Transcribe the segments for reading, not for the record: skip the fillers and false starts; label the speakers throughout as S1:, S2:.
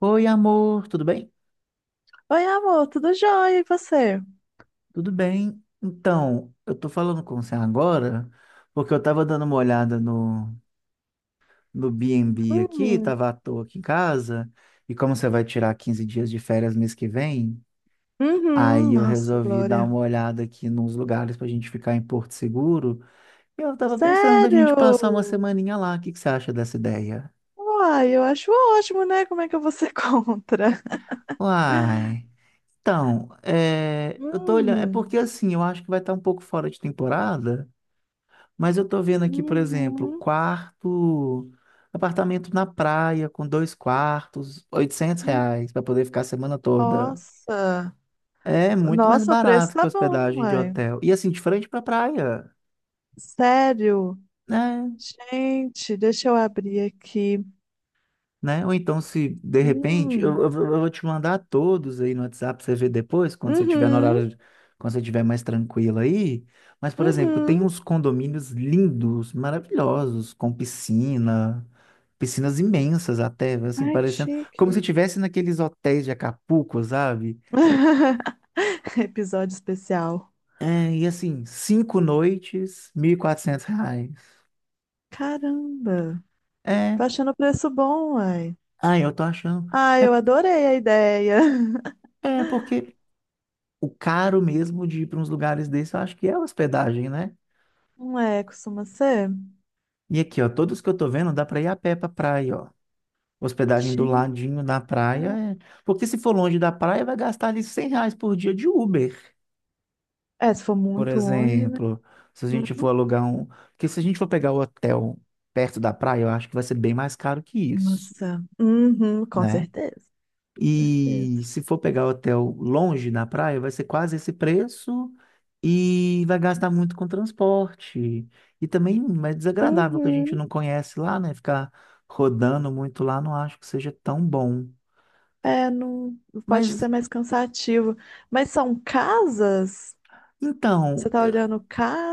S1: Oi, amor, tudo bem?
S2: Oi, amor, tudo jóia? E você?
S1: Tudo bem. Então, eu tô falando com você agora porque eu tava dando uma olhada no B&B aqui,
S2: Hum,
S1: tava à toa aqui em casa, e como você vai tirar 15 dias de férias mês que vem,
S2: Uhum,
S1: aí eu
S2: nossa,
S1: resolvi dar
S2: Glória.
S1: uma olhada aqui nos lugares pra gente ficar em Porto Seguro, e eu tava pensando da gente
S2: Sério?
S1: passar uma semaninha lá. O que que você acha dessa ideia?
S2: Uai, eu acho ótimo, né? Como é que eu vou ser contra?
S1: Uai. Então, é, eu tô olhando, é
S2: Hum,
S1: porque assim, eu acho que vai estar um pouco fora de temporada. Mas eu tô vendo aqui, por exemplo,
S2: Uhum.
S1: quarto, apartamento na praia com dois quartos, oitocentos
S2: hum,
S1: reais para poder ficar a semana toda.
S2: Nossa,
S1: É muito mais
S2: nossa, o preço
S1: barato que
S2: tá bom,
S1: hospedagem de
S2: uai.
S1: hotel. E assim, de frente pra praia,
S2: Sério?
S1: né?
S2: Gente, deixa eu abrir aqui.
S1: né? Ou então, se de repente, eu
S2: Hum.
S1: vou te mandar todos aí no WhatsApp pra você ver depois, quando você tiver no
S2: Uhum,
S1: horário, quando você tiver mais tranquilo aí. Mas, por exemplo, tem
S2: uhum.
S1: uns condomínios lindos, maravilhosos, com piscina, piscinas imensas até, assim,
S2: Ai, que
S1: parecendo como se
S2: chique.
S1: tivesse naqueles hotéis de Acapulco, sabe?
S2: Episódio especial.
S1: É, e assim, 5 noites, R$ 1.400.
S2: Caramba.
S1: É,
S2: Tô achando o preço bom, uai.
S1: ah, eu tô achando.
S2: Ah, eu adorei a ideia.
S1: É porque o caro mesmo de ir para uns lugares desses, eu acho que é hospedagem, né?
S2: Não é, costuma ser?
S1: E aqui, ó, todos que eu tô vendo, dá para ir a pé pra praia, ó. Hospedagem do
S2: Sim.
S1: ladinho da praia. Porque se for longe da praia, vai gastar ali R$ 100 por dia de Uber,
S2: É, se for
S1: por
S2: muito longe, né?
S1: exemplo. Se a gente for
S2: Uhum.
S1: alugar um. Porque se a gente for pegar o hotel perto da praia, eu acho que vai ser bem mais caro que isso,
S2: Nossa. Uhum, com
S1: né?
S2: certeza.
S1: E
S2: Certeza.
S1: se for pegar hotel longe na praia, vai ser quase esse preço e vai gastar muito com transporte. E também é desagradável que a gente
S2: Uhum.
S1: não conhece lá, né? Ficar rodando muito lá, não acho que seja tão bom.
S2: É, não pode ser
S1: Mas
S2: mais cansativo. Mas são casas?
S1: então,
S2: Você tá olhando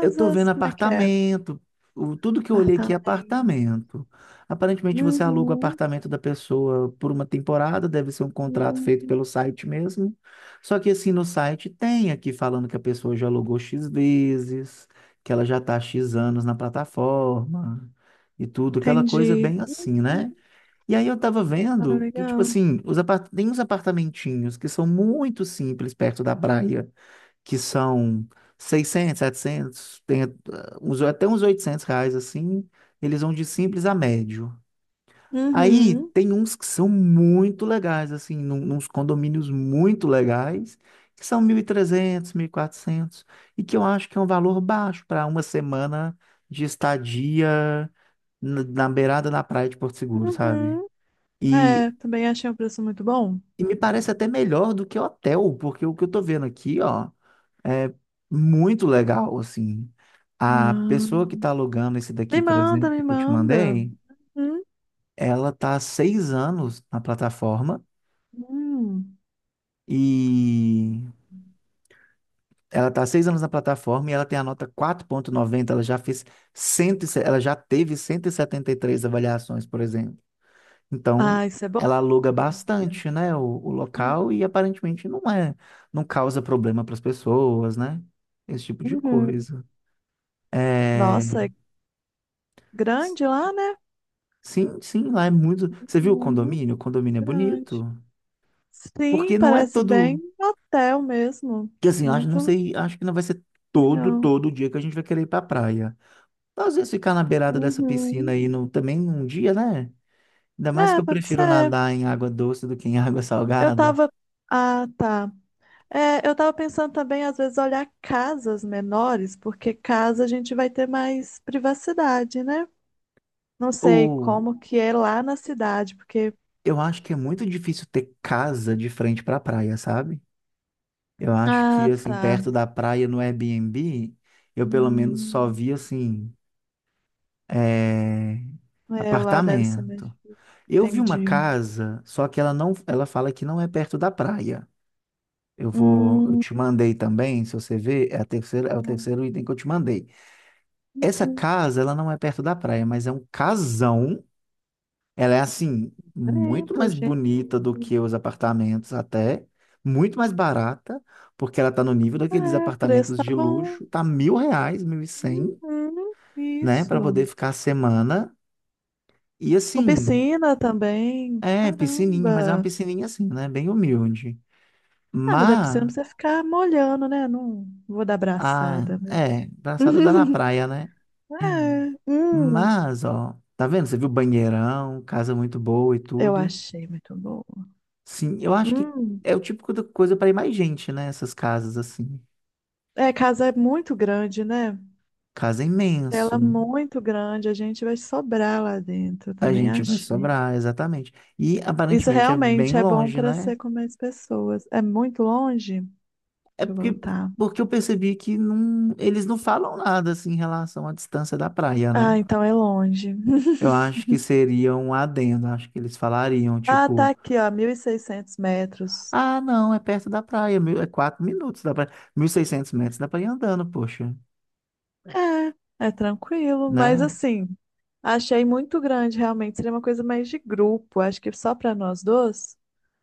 S1: eu tô vendo
S2: Como é que é?
S1: apartamento, tudo que eu olhei aqui é
S2: Apartamento.
S1: apartamento. Aparentemente você aluga o
S2: Uhum.
S1: apartamento da pessoa por uma temporada, deve ser um contrato feito
S2: Uhum.
S1: pelo site mesmo. Só que assim no site tem aqui falando que a pessoa já alugou X vezes, que ela já tá há X anos na plataforma e tudo, aquela coisa
S2: Entendi.
S1: bem
S2: Uhum.
S1: assim, né? E aí eu tava
S2: Ah,
S1: vendo que, tipo
S2: legal.
S1: assim, tem uns apartamentinhos que são muito simples perto da praia que são 600, 700, tem uns, até uns R$ 800 assim, eles vão de simples a médio. Aí
S2: Uhum.
S1: tem uns que são muito legais, assim, uns condomínios muito legais, que são 1.300, 1.400, e quatrocentos, e que eu acho que é um valor baixo para uma semana de estadia na beirada da praia de Porto Seguro, sabe?
S2: Uhum.
S1: E,
S2: É, também achei um preço muito bom.
S1: e me parece até melhor do que hotel, porque o que eu tô vendo aqui, ó. É muito legal, assim. A
S2: Ah,
S1: pessoa que está alugando esse
S2: me
S1: daqui, por
S2: manda,
S1: exemplo,
S2: me
S1: que eu te
S2: manda.
S1: mandei,
S2: Hum,
S1: ela tá há 6 anos na plataforma
S2: hum.
S1: e ela tá há seis anos na plataforma e ela tem a nota 4,90 ela já teve cento e setenta e três avaliações, por exemplo. Então,
S2: Ah, isso é bom.
S1: ela aluga bastante, né, o
S2: Uhum.
S1: local e aparentemente não causa problema para as pessoas, né? Esse tipo de
S2: Uhum.
S1: coisa. É...
S2: Nossa, é grande lá, né?
S1: Sim, sim, lá é muito. Você viu o
S2: Muito
S1: condomínio? O condomínio é bonito.
S2: grande. Sim,
S1: Porque não é
S2: parece bem
S1: todo.
S2: um hotel mesmo.
S1: Que assim, eu acho, não
S2: Muito
S1: sei, acho que não vai ser todo,
S2: legal.
S1: todo dia que a gente vai querer ir pra praia. Às vezes ficar na beirada dessa piscina
S2: Uhum.
S1: aí no, também um dia, né? Ainda mais que
S2: É,
S1: eu
S2: pode
S1: prefiro
S2: ser.
S1: nadar em água doce do que em água
S2: Eu
S1: salgada.
S2: tava. Ah, tá. É, eu tava pensando também, às vezes, olhar casas menores, porque casa a gente vai ter mais privacidade, né? Não sei
S1: Ou
S2: como que é lá na cidade, porque.
S1: eu acho que é muito difícil ter casa de frente pra praia, sabe? Eu acho que,
S2: Ah,
S1: assim,
S2: tá.
S1: perto da praia no Airbnb, eu pelo menos só
S2: Hum,
S1: vi, assim, é...
S2: é, lá deve ser mais
S1: apartamento.
S2: difícil.
S1: Eu vi uma
S2: Entendi.
S1: casa, só que ela não, ela fala que não é perto da praia. Eu
S2: Hum,
S1: te mandei também, se você ver, é o terceiro item que eu te mandei. Essa
S2: uhum.
S1: casa, ela não é perto da praia, mas é um casão. Ela é assim, muito
S2: Lembro,
S1: mais
S2: gente.
S1: bonita do que os apartamentos até, muito mais barata, porque ela tá no nível daqueles
S2: É, o preço
S1: apartamentos
S2: tá
S1: de
S2: bom.
S1: luxo, tá R$ 1.000, 1.100,
S2: Uhum,
S1: né, para
S2: isso.
S1: poder ficar a semana. E
S2: Com
S1: assim,
S2: piscina também.
S1: é piscininha, mas é uma
S2: Caramba.
S1: piscininha assim, né, bem humilde.
S2: Ah, mas a piscina não
S1: Mas,
S2: precisa ficar molhando, né? Não vou dar
S1: ah,
S2: abraçada, mas.
S1: é, braçada dá na praia, né?
S2: É,
S1: Mas, ó, tá vendo? Você viu banheirão, casa muito boa e
S2: eu
S1: tudo.
S2: achei muito boa.
S1: Sim, eu acho que
S2: Hum,
S1: é o tipo de coisa para ir mais gente, né? Essas casas assim.
S2: é, casa é muito grande, né?
S1: Casa é
S2: Ela
S1: imenso.
S2: é muito grande, a gente vai sobrar lá dentro, eu
S1: A
S2: também
S1: gente vai
S2: achei.
S1: sobrar, exatamente. E
S2: Isso
S1: aparentemente é
S2: realmente
S1: bem
S2: é bom
S1: longe,
S2: para
S1: né?
S2: ser com mais pessoas. É muito longe?
S1: É
S2: Deixa eu
S1: porque,
S2: voltar.
S1: porque eu percebi que não, eles não falam nada assim em relação à distância da praia,
S2: Ah,
S1: né?
S2: então é longe.
S1: Eu acho que seria um adendo, acho que eles falariam,
S2: Ah, tá
S1: tipo.
S2: aqui, ó, 1.600 metros.
S1: Ah, não, é perto da praia, é 4 minutos da praia, 1.600 metros, dá pra ir andando, poxa,
S2: É, é tranquilo, mas
S1: né?
S2: assim, achei muito grande, realmente. Seria uma coisa mais de grupo, acho que só para nós dois.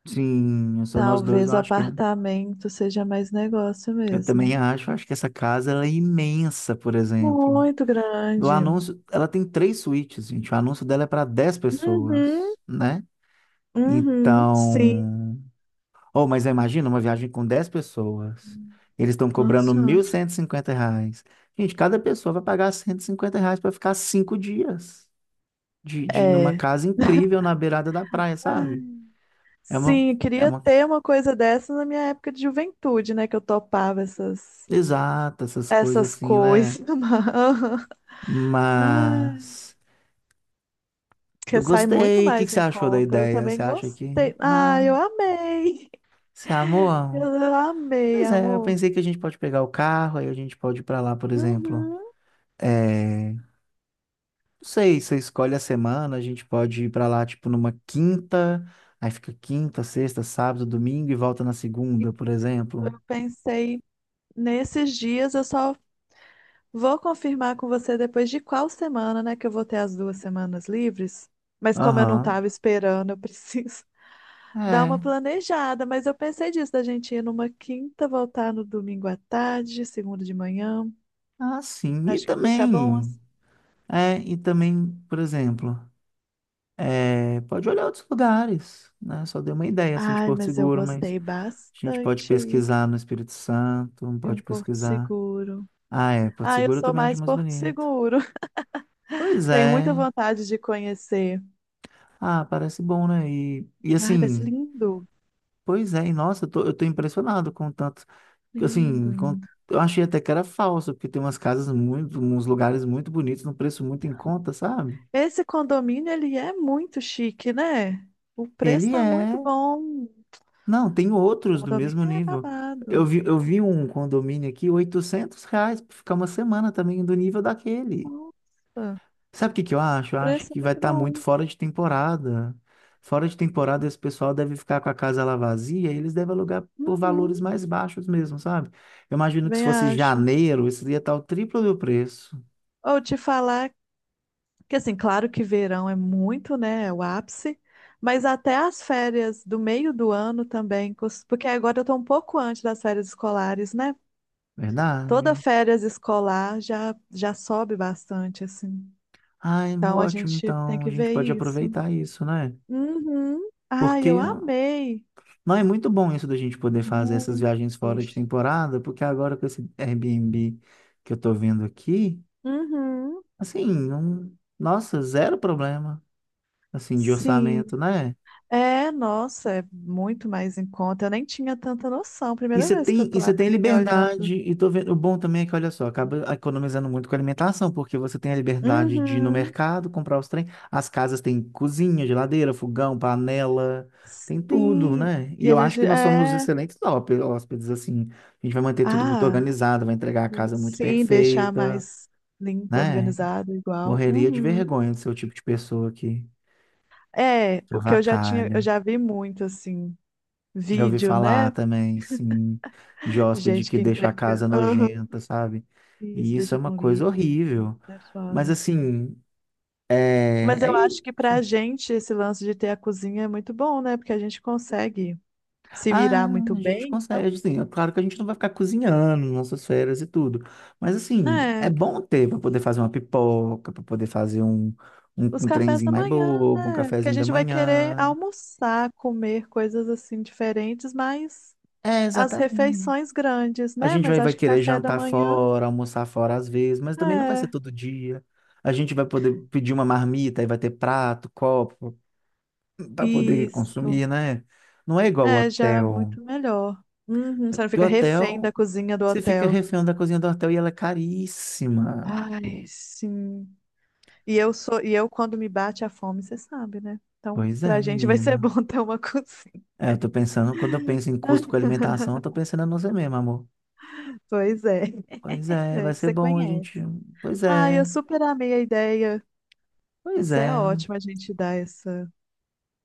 S1: Sim, só nós dois, eu
S2: Talvez o
S1: acho que é.
S2: apartamento seja mais negócio
S1: Eu
S2: mesmo.
S1: também acho que essa casa, ela é imensa, por exemplo.
S2: Muito
S1: Do
S2: grande.
S1: anúncio, ela tem três suítes, gente, o anúncio dela é para dez
S2: Uhum,
S1: pessoas, né?
S2: uhum, sim.
S1: Então, oh, mas imagina uma viagem com 10 pessoas, eles estão
S2: Nossa
S1: cobrando mil
S2: Senhora.
S1: cento e cinquenta reais. Gente, cada pessoa vai pagar R$ 150 para ficar 5 dias. De numa
S2: É.
S1: casa incrível na beirada da praia, sabe?
S2: Ai,
S1: É uma,
S2: sim, eu
S1: é
S2: queria
S1: uma
S2: ter uma coisa dessa na minha época de juventude, né? Que eu topava essas,
S1: exata, essas coisas
S2: essas
S1: assim, né?
S2: coisas. Mas- aham. Ai,
S1: Mas eu
S2: que sai muito
S1: gostei. O que que
S2: mais
S1: você
S2: em
S1: achou da
S2: conta. Eu
S1: ideia?
S2: também
S1: Você acha que,
S2: gostei. Ah, eu amei.
S1: você amou? Amor?
S2: Eu amei,
S1: Pois é, eu
S2: amor.
S1: pensei que a gente pode pegar o carro, aí a gente pode ir pra lá, por exemplo.
S2: Uhum.
S1: É, não sei, você escolhe a semana, a gente pode ir pra lá, tipo, numa quinta, aí fica quinta, sexta, sábado, domingo e volta na segunda, por exemplo.
S2: Eu pensei nesses dias, eu só vou confirmar com você depois de qual semana, né? Que eu vou ter as 2 semanas livres. Mas como eu não
S1: Aham.
S2: tava esperando, eu preciso. Dá uma
S1: É.
S2: planejada, mas eu pensei disso, da gente ir numa quinta, voltar no domingo à tarde, segunda de manhã.
S1: Ah, sim. E
S2: Acho que fica bom assim.
S1: também, é, e também, por exemplo, pode olhar outros lugares, né? Só dei uma ideia, assim, de
S2: Ai,
S1: Porto
S2: mas eu
S1: Seguro, mas
S2: gostei
S1: a gente pode
S2: bastante aí
S1: pesquisar no Espírito Santo,
S2: de um
S1: pode
S2: Porto
S1: pesquisar.
S2: Seguro.
S1: Ah, é, Porto
S2: Ah, eu
S1: Seguro eu
S2: sou
S1: também acho
S2: mais
S1: mais
S2: Porto
S1: bonito.
S2: Seguro.
S1: Pois
S2: Tenho muita
S1: é.
S2: vontade de conhecer.
S1: Ah, parece bom, né? E
S2: Ai, vai ser
S1: assim,
S2: lindo.
S1: pois é, e nossa, eu tô impressionado com tanto,
S2: Lindo,
S1: assim,
S2: lindo.
S1: eu achei até que era falso, porque tem umas casas muito, uns lugares muito bonitos, num preço muito em conta, sabe?
S2: Esse condomínio, ele é muito chique, né? O preço
S1: Ele
S2: tá
S1: é
S2: muito bom.
S1: Não, tem
S2: O
S1: outros do mesmo
S2: condomínio é
S1: nível.
S2: babado.
S1: Eu vi um condomínio aqui, R$ 800 para ficar uma semana também do nível daquele.
S2: Nossa,
S1: Sabe o que que eu acho? Eu
S2: o
S1: acho
S2: preço é
S1: que vai
S2: muito
S1: estar muito
S2: bom.
S1: fora de temporada. Fora de temporada, esse pessoal deve ficar com a casa lá vazia e eles devem alugar por
S2: Uhum.
S1: valores mais baixos mesmo, sabe? Eu imagino que se
S2: Bem,
S1: fosse
S2: acho.
S1: janeiro, isso ia estar o triplo do preço.
S2: Ou te falar que, assim, claro que verão é muito, né? É o ápice, mas até as férias do meio do ano também, porque agora eu tô um pouco antes das férias escolares, né? Toda
S1: Verdade?
S2: férias escolar já, já sobe bastante, assim.
S1: Ai,
S2: Então a
S1: ótimo.
S2: gente tem
S1: Então, a
S2: que
S1: gente
S2: ver
S1: pode
S2: isso.
S1: aproveitar isso, né?
S2: Uhum. Ai,
S1: Porque
S2: eu amei.
S1: Não, é muito bom isso da gente poder fazer essas
S2: Muito.
S1: viagens fora de temporada, porque agora com esse Airbnb que eu tô vendo aqui,
S2: Uhum.
S1: assim, não... nossa, zero problema, assim, de
S2: Sim.
S1: orçamento, né?
S2: É, nossa, é muito mais em conta. Eu nem tinha tanta noção.
S1: E
S2: Primeira
S1: você
S2: vez que eu
S1: tem, e
S2: tô
S1: você tem
S2: abrindo e olhando.
S1: liberdade, e tô vendo, o bom também é que, olha só, acaba economizando muito com alimentação, porque você tem a liberdade de ir no
S2: Uhum.
S1: mercado, comprar os trem, as casas têm cozinha, geladeira, fogão, panela, tem tudo,
S2: Sim.
S1: né? E
S2: E a
S1: eu acho que
S2: gente
S1: nós somos
S2: é.
S1: excelentes hóspedes, assim, a gente vai manter tudo muito
S2: Ah,
S1: organizado, vai entregar a casa muito
S2: sim, deixar
S1: perfeita,
S2: mais limpo,
S1: né?
S2: organizado, igual.
S1: Morreria de
S2: Uhum.
S1: vergonha de ser o tipo de pessoa que
S2: É, o que eu já tinha,
S1: avacalha.
S2: eu já vi muito assim,
S1: Já ouvi
S2: vídeo,
S1: falar
S2: né?
S1: também, sim, de hóspede
S2: Gente
S1: que
S2: que
S1: deixa a
S2: entrega.
S1: casa
S2: Aham,
S1: nojenta, sabe?
S2: isso,
S1: E isso é
S2: deixa
S1: uma
S2: com
S1: coisa
S2: livro.
S1: horrível.
S2: É
S1: Mas
S2: foda.
S1: assim, é,
S2: Mas
S1: é
S2: eu
S1: isso.
S2: acho que pra gente esse lance de ter a cozinha é muito bom, né? Porque a gente consegue se
S1: Ah,
S2: virar muito
S1: a gente
S2: bem,
S1: consegue,
S2: então,
S1: assim, é claro que a gente não vai ficar cozinhando nas nossas férias e tudo. Mas assim, é
S2: né?
S1: bom ter para poder fazer uma pipoca, para poder fazer um, um,
S2: Os
S1: um
S2: cafés
S1: trenzinho
S2: da
S1: mais
S2: manhã,
S1: bobo, um
S2: né? Porque a
S1: cafezinho da
S2: gente vai querer
S1: manhã.
S2: almoçar, comer coisas assim diferentes, mas
S1: É,
S2: as
S1: exatamente.
S2: refeições grandes,
S1: A
S2: né?
S1: gente
S2: Mas
S1: vai
S2: acho que
S1: querer
S2: café da
S1: jantar
S2: manhã
S1: fora, almoçar fora às vezes, mas também não vai ser
S2: é
S1: todo dia. A gente vai poder pedir uma marmita e vai ter prato, copo, para poder
S2: isso.
S1: consumir, né? Não é igual o
S2: É, já é
S1: hotel.
S2: muito melhor. Uhum, você não
S1: Porque o
S2: fica refém
S1: hotel,
S2: da cozinha do
S1: você fica
S2: hotel.
S1: refém da cozinha do hotel e ela é caríssima.
S2: Ai, sim. E eu sou, e eu quando me bate a fome, você sabe, né? Então,
S1: Pois
S2: pra
S1: é,
S2: gente vai ser
S1: menina.
S2: bom ter uma cozinha.
S1: É, eu tô pensando, quando eu penso em custo com alimentação, eu tô pensando em você mesmo, amor.
S2: Pois é,
S1: Pois é,
S2: é
S1: vai
S2: que
S1: ser
S2: você
S1: bom a
S2: conhece.
S1: gente. Pois
S2: Ai, eu
S1: é,
S2: super amei a ideia.
S1: pois
S2: Mas é
S1: é.
S2: ótimo a gente dar essa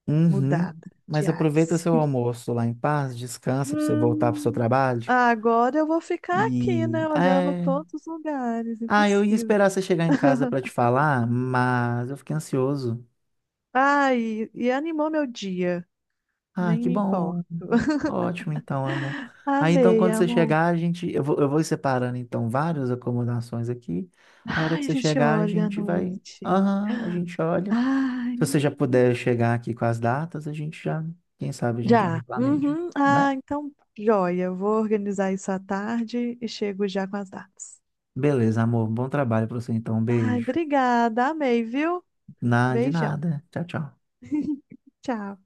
S1: Uhum.
S2: mudada de
S1: Mas aproveita
S2: ares.
S1: seu almoço lá em paz, descansa para você voltar para seu
S2: Hum,
S1: trabalho.
S2: agora eu vou ficar aqui,
S1: E
S2: né, olhando todos os lugares,
S1: eu ia
S2: impossível.
S1: esperar você chegar em casa para te falar, mas eu fiquei ansioso.
S2: Ai, e animou meu dia,
S1: Ah,
S2: nem
S1: que
S2: me importo.
S1: bom. Ótimo, então, amor. Aí, então,
S2: Amei,
S1: quando você
S2: amor.
S1: chegar, a gente. Eu vou separando, então, várias acomodações aqui. Aí, a hora que
S2: Ai, a
S1: você
S2: gente
S1: chegar, a
S2: olha à
S1: gente vai.
S2: noite.
S1: Aham, a gente olha.
S2: Ai,
S1: Se você já puder chegar aqui com as datas, a gente já. Quem sabe a gente já
S2: já.
S1: não planeja,
S2: Uhum. Ah,
S1: né?
S2: então, joia. Eu vou organizar isso à tarde e chego já com as datas.
S1: Beleza, amor. Bom trabalho pra você, então. Um
S2: Ai,
S1: beijo.
S2: obrigada, amei, viu?
S1: De
S2: Beijão.
S1: nada. Tchau, tchau.
S2: Tchau.